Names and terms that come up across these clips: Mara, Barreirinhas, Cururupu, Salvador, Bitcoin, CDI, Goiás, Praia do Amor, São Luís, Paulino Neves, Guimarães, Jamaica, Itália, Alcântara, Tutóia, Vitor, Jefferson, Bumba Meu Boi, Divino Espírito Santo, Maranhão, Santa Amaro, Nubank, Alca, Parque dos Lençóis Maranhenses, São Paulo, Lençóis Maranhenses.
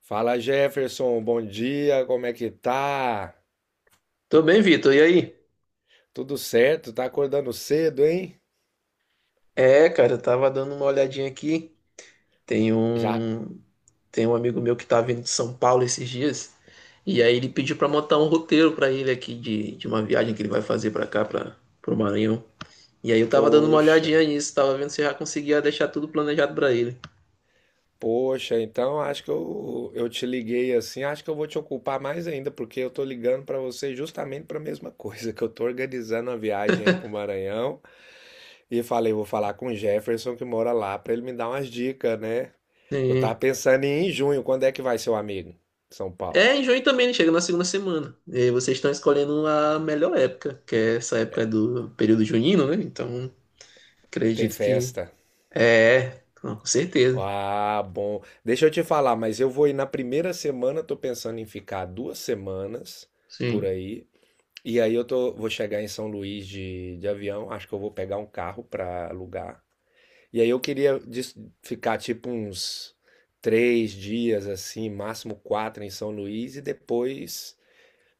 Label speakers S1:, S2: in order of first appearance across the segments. S1: Fala, Jefferson, bom dia, como é que tá?
S2: Tô bem, Vitor. E aí?
S1: Tudo certo? Tá acordando cedo, hein?
S2: É, cara, eu tava dando uma olhadinha aqui. Tem
S1: Já,
S2: um, tem um amigo meu que tá vindo de São Paulo esses dias. E aí ele pediu pra montar um roteiro pra ele aqui de uma viagem que ele vai fazer pra cá, para pro Maranhão. E aí eu tava dando uma
S1: poxa,
S2: olhadinha nisso, tava vendo se eu já conseguia deixar tudo planejado pra ele.
S1: poxa, então acho que eu te liguei assim, acho que eu vou te ocupar mais ainda, porque eu tô ligando pra você justamente pra mesma coisa, que eu tô organizando a viagem aí pro Maranhão e falei, vou falar com o Jefferson que mora lá pra ele me dar umas dicas, né? Eu tava
S2: E-
S1: pensando em ir em junho, quando é que vai seu amigo? São Paulo.
S2: É, em junho também, ele chega na segunda semana. E aí vocês estão escolhendo a melhor época, que é essa época do período junino, né? Então,
S1: Tem
S2: acredito que
S1: festa.
S2: é, não, com certeza.
S1: Ah, bom. Deixa eu te falar, mas eu vou ir na primeira semana, tô pensando em ficar 2 semanas por
S2: Sim.
S1: aí. E aí eu tô, vou chegar em São Luís de avião, acho que eu vou pegar um carro pra alugar. E aí eu queria ficar tipo uns 3 dias assim, máximo quatro em São Luís e depois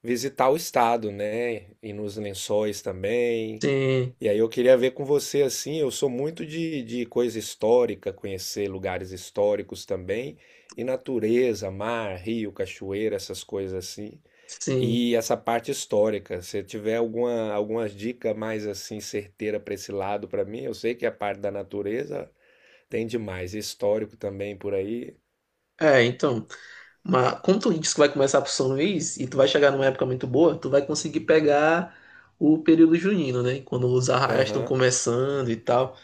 S1: visitar o estado, né? Ir nos Lençóis também.
S2: Sim,
S1: E aí eu queria ver com você assim, eu sou muito de coisa histórica, conhecer lugares históricos também, e natureza, mar, rio, cachoeira, essas coisas assim.
S2: sim.
S1: E essa parte histórica, se tiver alguma dica mais assim certeira para esse lado para mim, eu sei que a parte da natureza tem demais, histórico também por aí.
S2: É, então, mas como tu disse que vai começar pro São Luís e tu vai chegar numa época muito boa, tu vai conseguir pegar o período junino, né? Quando os arraiais estão
S1: Aham.
S2: começando e tal.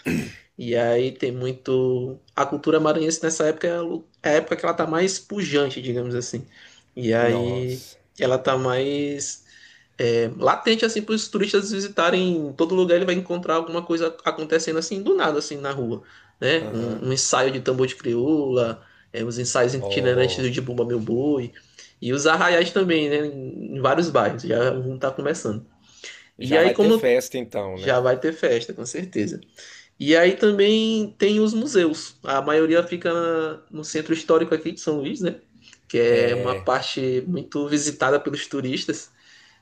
S2: E aí tem muito. A cultura maranhense nessa época é a época que ela tá mais pujante, digamos assim. E aí
S1: Nossa.
S2: ela tá mais. É, latente assim para os turistas visitarem. Em todo lugar ele vai encontrar alguma coisa acontecendo assim do nada, assim na rua, né?
S1: Aham.
S2: Um ensaio de tambor de crioula, é, os ensaios itinerantes
S1: Ó,
S2: de Bumba Meu Boi e os arraiais também, né? Vários bairros já um tá começando. E
S1: já
S2: aí
S1: vai ter
S2: como
S1: festa então,
S2: Já
S1: né?
S2: vai ter festa, com certeza. E aí também tem os museus, a maioria fica no centro histórico aqui de São Luís, né? Que é uma parte muito visitada pelos turistas.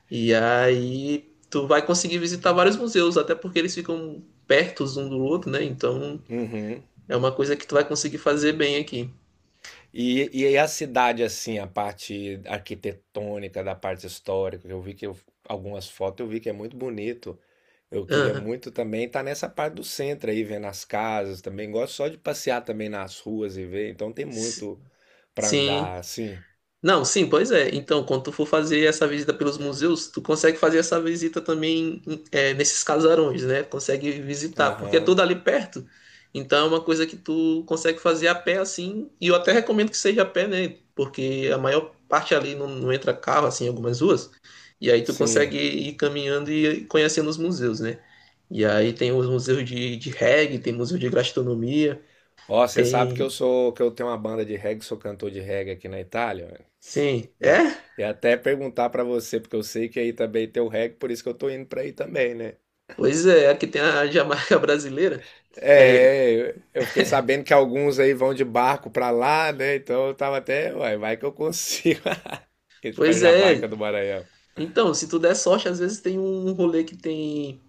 S2: E aí tu vai conseguir visitar vários museus, até porque eles ficam perto um do outro, né? Então
S1: Uhum.
S2: é uma coisa que tu vai conseguir fazer bem aqui.
S1: E aí a cidade, assim, a parte arquitetônica, da parte histórica, eu vi algumas fotos eu vi que é muito bonito. Eu queria
S2: Aham.
S1: muito também estar nessa parte do centro aí, vendo as casas também. Gosto só de passear também nas ruas e ver, então tem
S2: S-
S1: muito para
S2: Sim.
S1: andar, assim.
S2: Não, sim, pois é. Então, quando tu for fazer essa visita pelos museus, tu consegue fazer essa visita também, é, nesses casarões, né? Consegue visitar, porque é
S1: Aham,
S2: tudo ali perto. Então, é uma coisa que tu consegue fazer a pé, assim. E eu até recomendo que seja a pé, né? Porque a maior parte ali não entra carro, assim, em algumas ruas. E aí tu consegue
S1: sim.
S2: ir caminhando e conhecendo os museus, né? E aí tem os museus de reggae, tem museu de gastronomia,
S1: Ó, você sabe que eu
S2: tem.
S1: sou, que eu tenho uma banda de reggae, sou cantor de reggae aqui na Itália, né?
S2: Sim,
S1: E, a-
S2: é?
S1: e até perguntar para você, porque eu sei que aí também tem o reggae, por isso que eu tô indo para aí também, né?
S2: Pois é, aqui tem a Jamaica brasileira. que é-
S1: É, eu fiquei sabendo que alguns aí vão de barco pra lá, né? Então eu tava até, uai, vai que eu consigo ir pra
S2: Pois
S1: Jamaica
S2: é.
S1: do Maranhão.
S2: Então, se tu der sorte, às vezes tem um rolê que tem,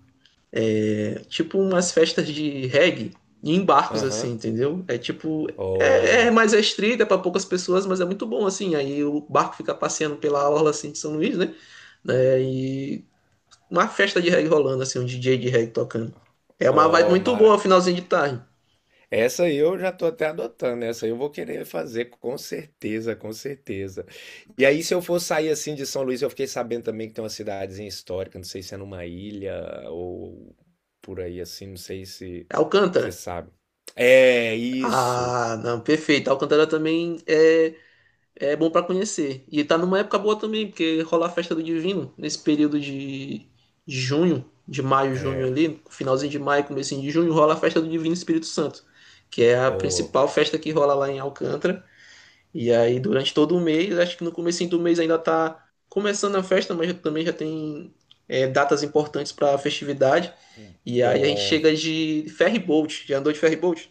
S2: é, tipo umas festas de reggae em barcos, assim,
S1: Aham.
S2: entendeu? É tipo. É, é
S1: Ó,
S2: mais restrito, é pra poucas pessoas, mas é muito bom, assim. Aí o barco fica passeando pela orla, assim, de São Luís, né? Né, e uma festa de reggae rolando, assim, um DJ de reggae tocando. É uma vibe
S1: ó,
S2: muito
S1: Mara.
S2: boa, finalzinho de tarde.
S1: Essa aí eu já tô até adotando, né? Essa aí eu vou querer fazer, com certeza, com certeza. E aí, se eu for sair assim de São Luís, eu fiquei sabendo também que tem uma cidadezinha histórica, não sei se é numa ilha ou por aí assim, não sei se você
S2: Alcântara.
S1: sabe. É isso.
S2: Ah, não, perfeito. Alcântara também é É bom pra conhecer. E tá numa época boa também, porque rola a festa do Divino nesse período de junho, de maio, junho
S1: É.
S2: ali, finalzinho de maio, comecinho de junho, rola a festa do Divino Espírito Santo, que é a
S1: Oh,
S2: principal festa que rola lá em Alcântara. E aí durante todo o mês, acho que no comecinho do mês ainda tá começando a festa, mas também já tem, é, datas importantes pra festividade. E aí a gente
S1: bom.
S2: chega de ferry boat. Já andou de ferry boat?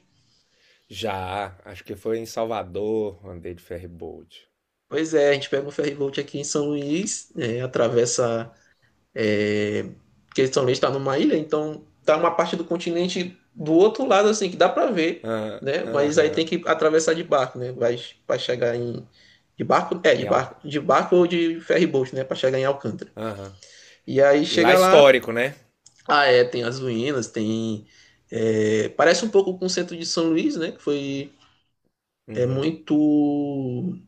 S1: Já, acho que foi em Salvador, andei de ferryboat.
S2: Pois é, a gente pega um ferry boat aqui em São Luís, é, atravessa. É, que São também está numa ilha, então tá uma parte do continente do outro lado, assim, que dá para ver,
S1: Ah,
S2: né? Mas aí tem
S1: aham,
S2: que atravessar de barco, né? Vai chegar em. De barco? É,
S1: em Alca.
S2: de barco ou de ferryboat, né? Para chegar em Alcântara.
S1: Aham.
S2: E aí
S1: E lá é
S2: chega lá,
S1: histórico, né?
S2: ah, é, tem as ruínas, tem. É, parece um pouco com o centro de São Luís, né? Que foi, é,
S1: Uhum.
S2: muito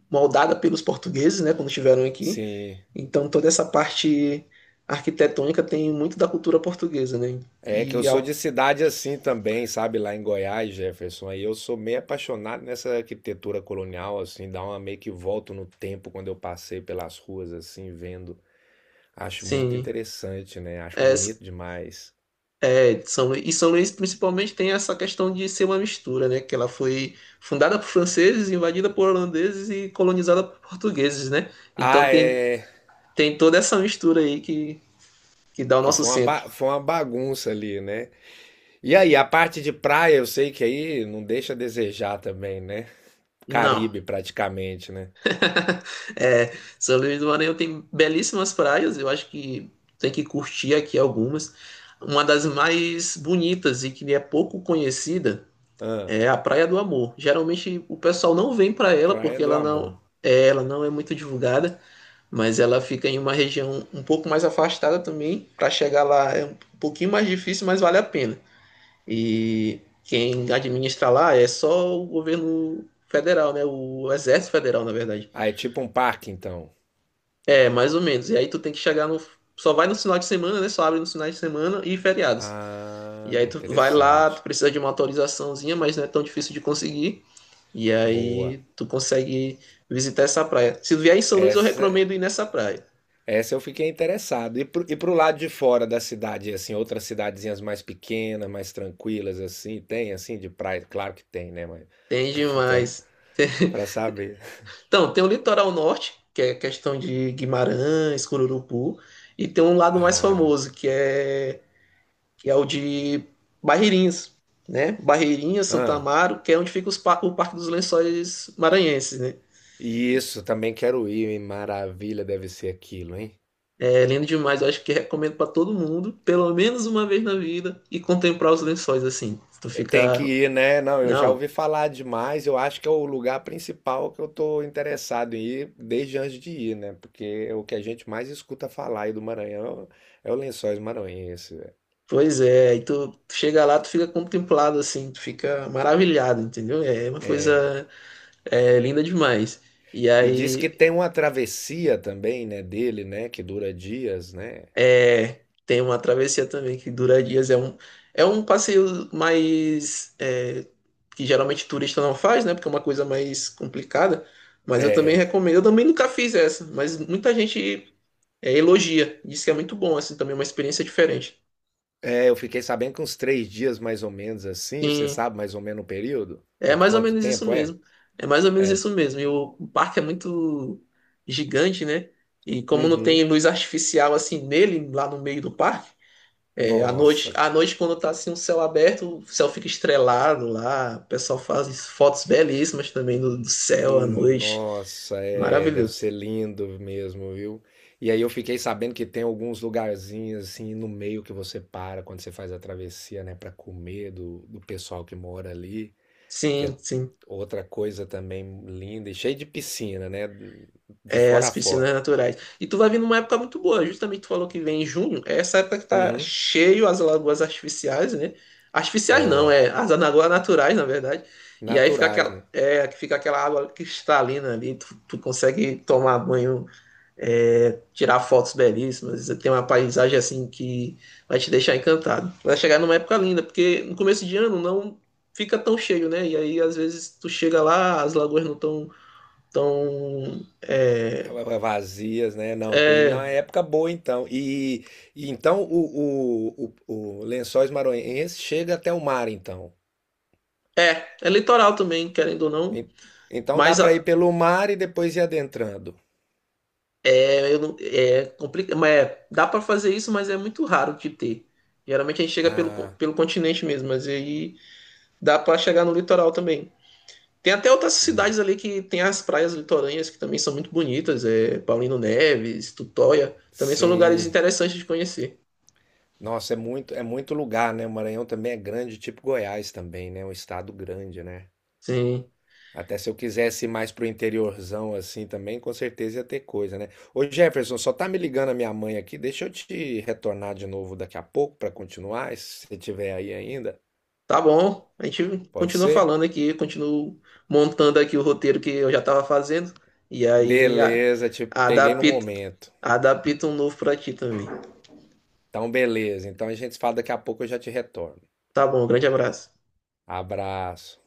S2: moldada pelos portugueses, né? Quando estiveram aqui.
S1: Sim.
S2: Então toda essa parte arquitetônica tem muito da cultura portuguesa, né?
S1: É que eu
S2: E
S1: sou
S2: a-
S1: de cidade assim também, sabe? Lá em Goiás, Jefferson. Aí eu sou meio apaixonado nessa arquitetura colonial, assim, dá uma meio que volto no tempo quando eu passei pelas ruas, assim, vendo. Acho muito
S2: sim,
S1: interessante, né? Acho
S2: é,
S1: bonito demais.
S2: é, São Luís, e São Luís principalmente tem essa questão de ser uma mistura, né? Que ela foi fundada por franceses, invadida por holandeses e colonizada por portugueses, né?
S1: Ah,
S2: Então tem,
S1: é.
S2: tem toda essa mistura aí que dá o
S1: Que
S2: nosso
S1: foi uma,
S2: centro.
S1: foi uma bagunça ali, né? E aí, a parte de praia, eu sei que aí não deixa a desejar também, né?
S2: Não.
S1: Caribe, praticamente, né?
S2: É, São Luís do Maranhão tem belíssimas praias, eu acho que tem que curtir aqui algumas. Uma das mais bonitas e que é pouco conhecida
S1: Ah,
S2: é a Praia do Amor. Geralmente o pessoal não vem para ela
S1: praia
S2: porque
S1: do amor.
S2: ela não é muito divulgada, mas ela fica em uma região um pouco mais afastada também. Para chegar lá é um pouquinho mais difícil, mas vale a pena. E quem administra lá é só o governo federal, né? O Exército Federal, na verdade.
S1: Ah, é tipo um parque, então.
S2: É, mais ou menos. E aí tu tem que chegar no. Só vai no final de semana, né? Só abre no final de semana e feriados. E
S1: Ah,
S2: aí tu vai lá, tu
S1: interessante.
S2: precisa de uma autorizaçãozinha, mas não é tão difícil de conseguir. E aí
S1: Boa.
S2: tu consegue visitar essa praia. Se vier em São Luís, eu
S1: Essa,
S2: recomendo ir nessa praia.
S1: essa eu fiquei interessado. E pro lado de fora da cidade, assim, outras cidadezinhas mais pequenas, mais tranquilas, assim, tem, assim, de praia? Claro que tem, né? Mas tô
S2: Tem
S1: perguntando
S2: demais.
S1: pra saber.
S2: Então, tem o litoral norte, que é questão de Guimarães, Cururupu, e tem um lado mais
S1: Ah,
S2: famoso, que é o de Barreirinhas, né? Barreirinhas, Santa
S1: ah,
S2: Amaro, que é onde fica o Parque dos Lençóis Maranhenses, né?
S1: e isso, também quero ir, hein? Maravilha deve ser aquilo, hein?
S2: É lindo demais, eu acho que recomendo para todo mundo, pelo menos uma vez na vida, e contemplar os lençóis assim.
S1: Tem que ir, né? Não, eu já
S2: Não,
S1: ouvi falar demais. Eu acho que é o lugar principal que eu tô interessado em ir desde antes de ir, né? Porque o que a gente mais escuta falar aí do Maranhão é o Lençóis Maranhense, velho.
S2: pois é, e tu chega lá, tu fica contemplado assim, tu fica maravilhado, entendeu? É uma coisa, é, linda demais. E
S1: E diz que
S2: aí
S1: tem uma travessia também, né, dele, né, que dura dias, né?
S2: é, tem uma travessia também que dura dias. É um passeio mais, é, que geralmente turista não faz, né? Porque é uma coisa mais complicada. Mas eu também
S1: É,
S2: recomendo. Eu também nunca fiz essa, mas muita gente, é, elogia. Diz que é muito bom, assim, também é uma experiência diferente.
S1: é, eu fiquei sabendo que uns 3 dias mais ou menos assim. Você
S2: Sim,
S1: sabe mais ou menos o período?
S2: é
S1: O
S2: mais ou
S1: quanto
S2: menos isso
S1: tempo é?
S2: mesmo. É mais ou menos isso mesmo. E o parque é muito gigante, né? E como não tem
S1: Uhum.
S2: luz artificial assim nele, lá no meio do parque. É,
S1: Nossa.
S2: à noite, quando tá assim o céu aberto, o céu fica estrelado lá. O pessoal faz fotos belíssimas também do céu à noite.
S1: Nossa, é, deve
S2: Maravilhoso.
S1: ser lindo mesmo, viu? E aí eu fiquei sabendo que tem alguns lugarzinhos assim no meio que você para quando você faz a travessia, né, para comer do pessoal que mora ali, que é
S2: Sim, sim.
S1: outra coisa também linda e cheio de piscina, né, de
S2: É,
S1: fora
S2: as
S1: a fora.
S2: piscinas naturais. E tu vai vir numa época muito boa. Justamente tu falou que vem em junho. É essa época que tá
S1: Uhum.
S2: cheio as lagoas artificiais, né? Artificiais não,
S1: Ó,
S2: é as lagoas naturais, na verdade. E aí fica
S1: naturais,
S2: aquela,
S1: né?
S2: é, fica aquela água cristalina ali. Tu consegue tomar banho, é, tirar fotos belíssimas. Tem uma paisagem assim que vai te deixar encantado. Vai chegar numa época linda, porque no começo de ano não fica tão cheio, né? E aí às vezes tu chega lá, as lagoas não estão tão, tão,
S1: Ah, vazias, né? Não, eu tô indo
S2: é,
S1: na época boa então. E então o Lençóis Maranhenses chega até o mar então.
S2: é, é litoral também, querendo ou não.
S1: En- Então dá
S2: Mas
S1: para ir
S2: a-
S1: pelo mar e depois ir adentrando.
S2: é, eu não- é complicado, mas é, dá para fazer isso, mas é muito raro de ter. Geralmente a gente chega pelo,
S1: Ah,
S2: pelo continente mesmo, mas aí dá para chegar no litoral também. Tem até outras
S1: hum,
S2: cidades ali que tem as praias litorâneas que também são muito bonitas, é Paulino Neves, Tutóia, também são lugares
S1: sim.
S2: interessantes de conhecer.
S1: Nossa, é muito lugar, né? O Maranhão também é grande, tipo Goiás também, né? É um estado grande, né?
S2: Sim,
S1: Até se eu quisesse ir mais pro interiorzão assim também, com certeza ia ter coisa, né? Ô Jefferson, só tá me ligando a minha mãe aqui. Deixa eu te retornar de novo daqui a pouco para continuar, se você tiver aí ainda.
S2: tá bom. A gente
S1: Pode
S2: continua
S1: ser?
S2: falando aqui, continuo montando aqui o roteiro que eu já estava fazendo e
S1: Beleza, te peguei no
S2: adapto,
S1: momento.
S2: adapto um novo para ti também.
S1: Então, beleza. Então a gente se fala daqui a pouco, eu já te retorno.
S2: Tá bom, grande abraço.
S1: Abraço.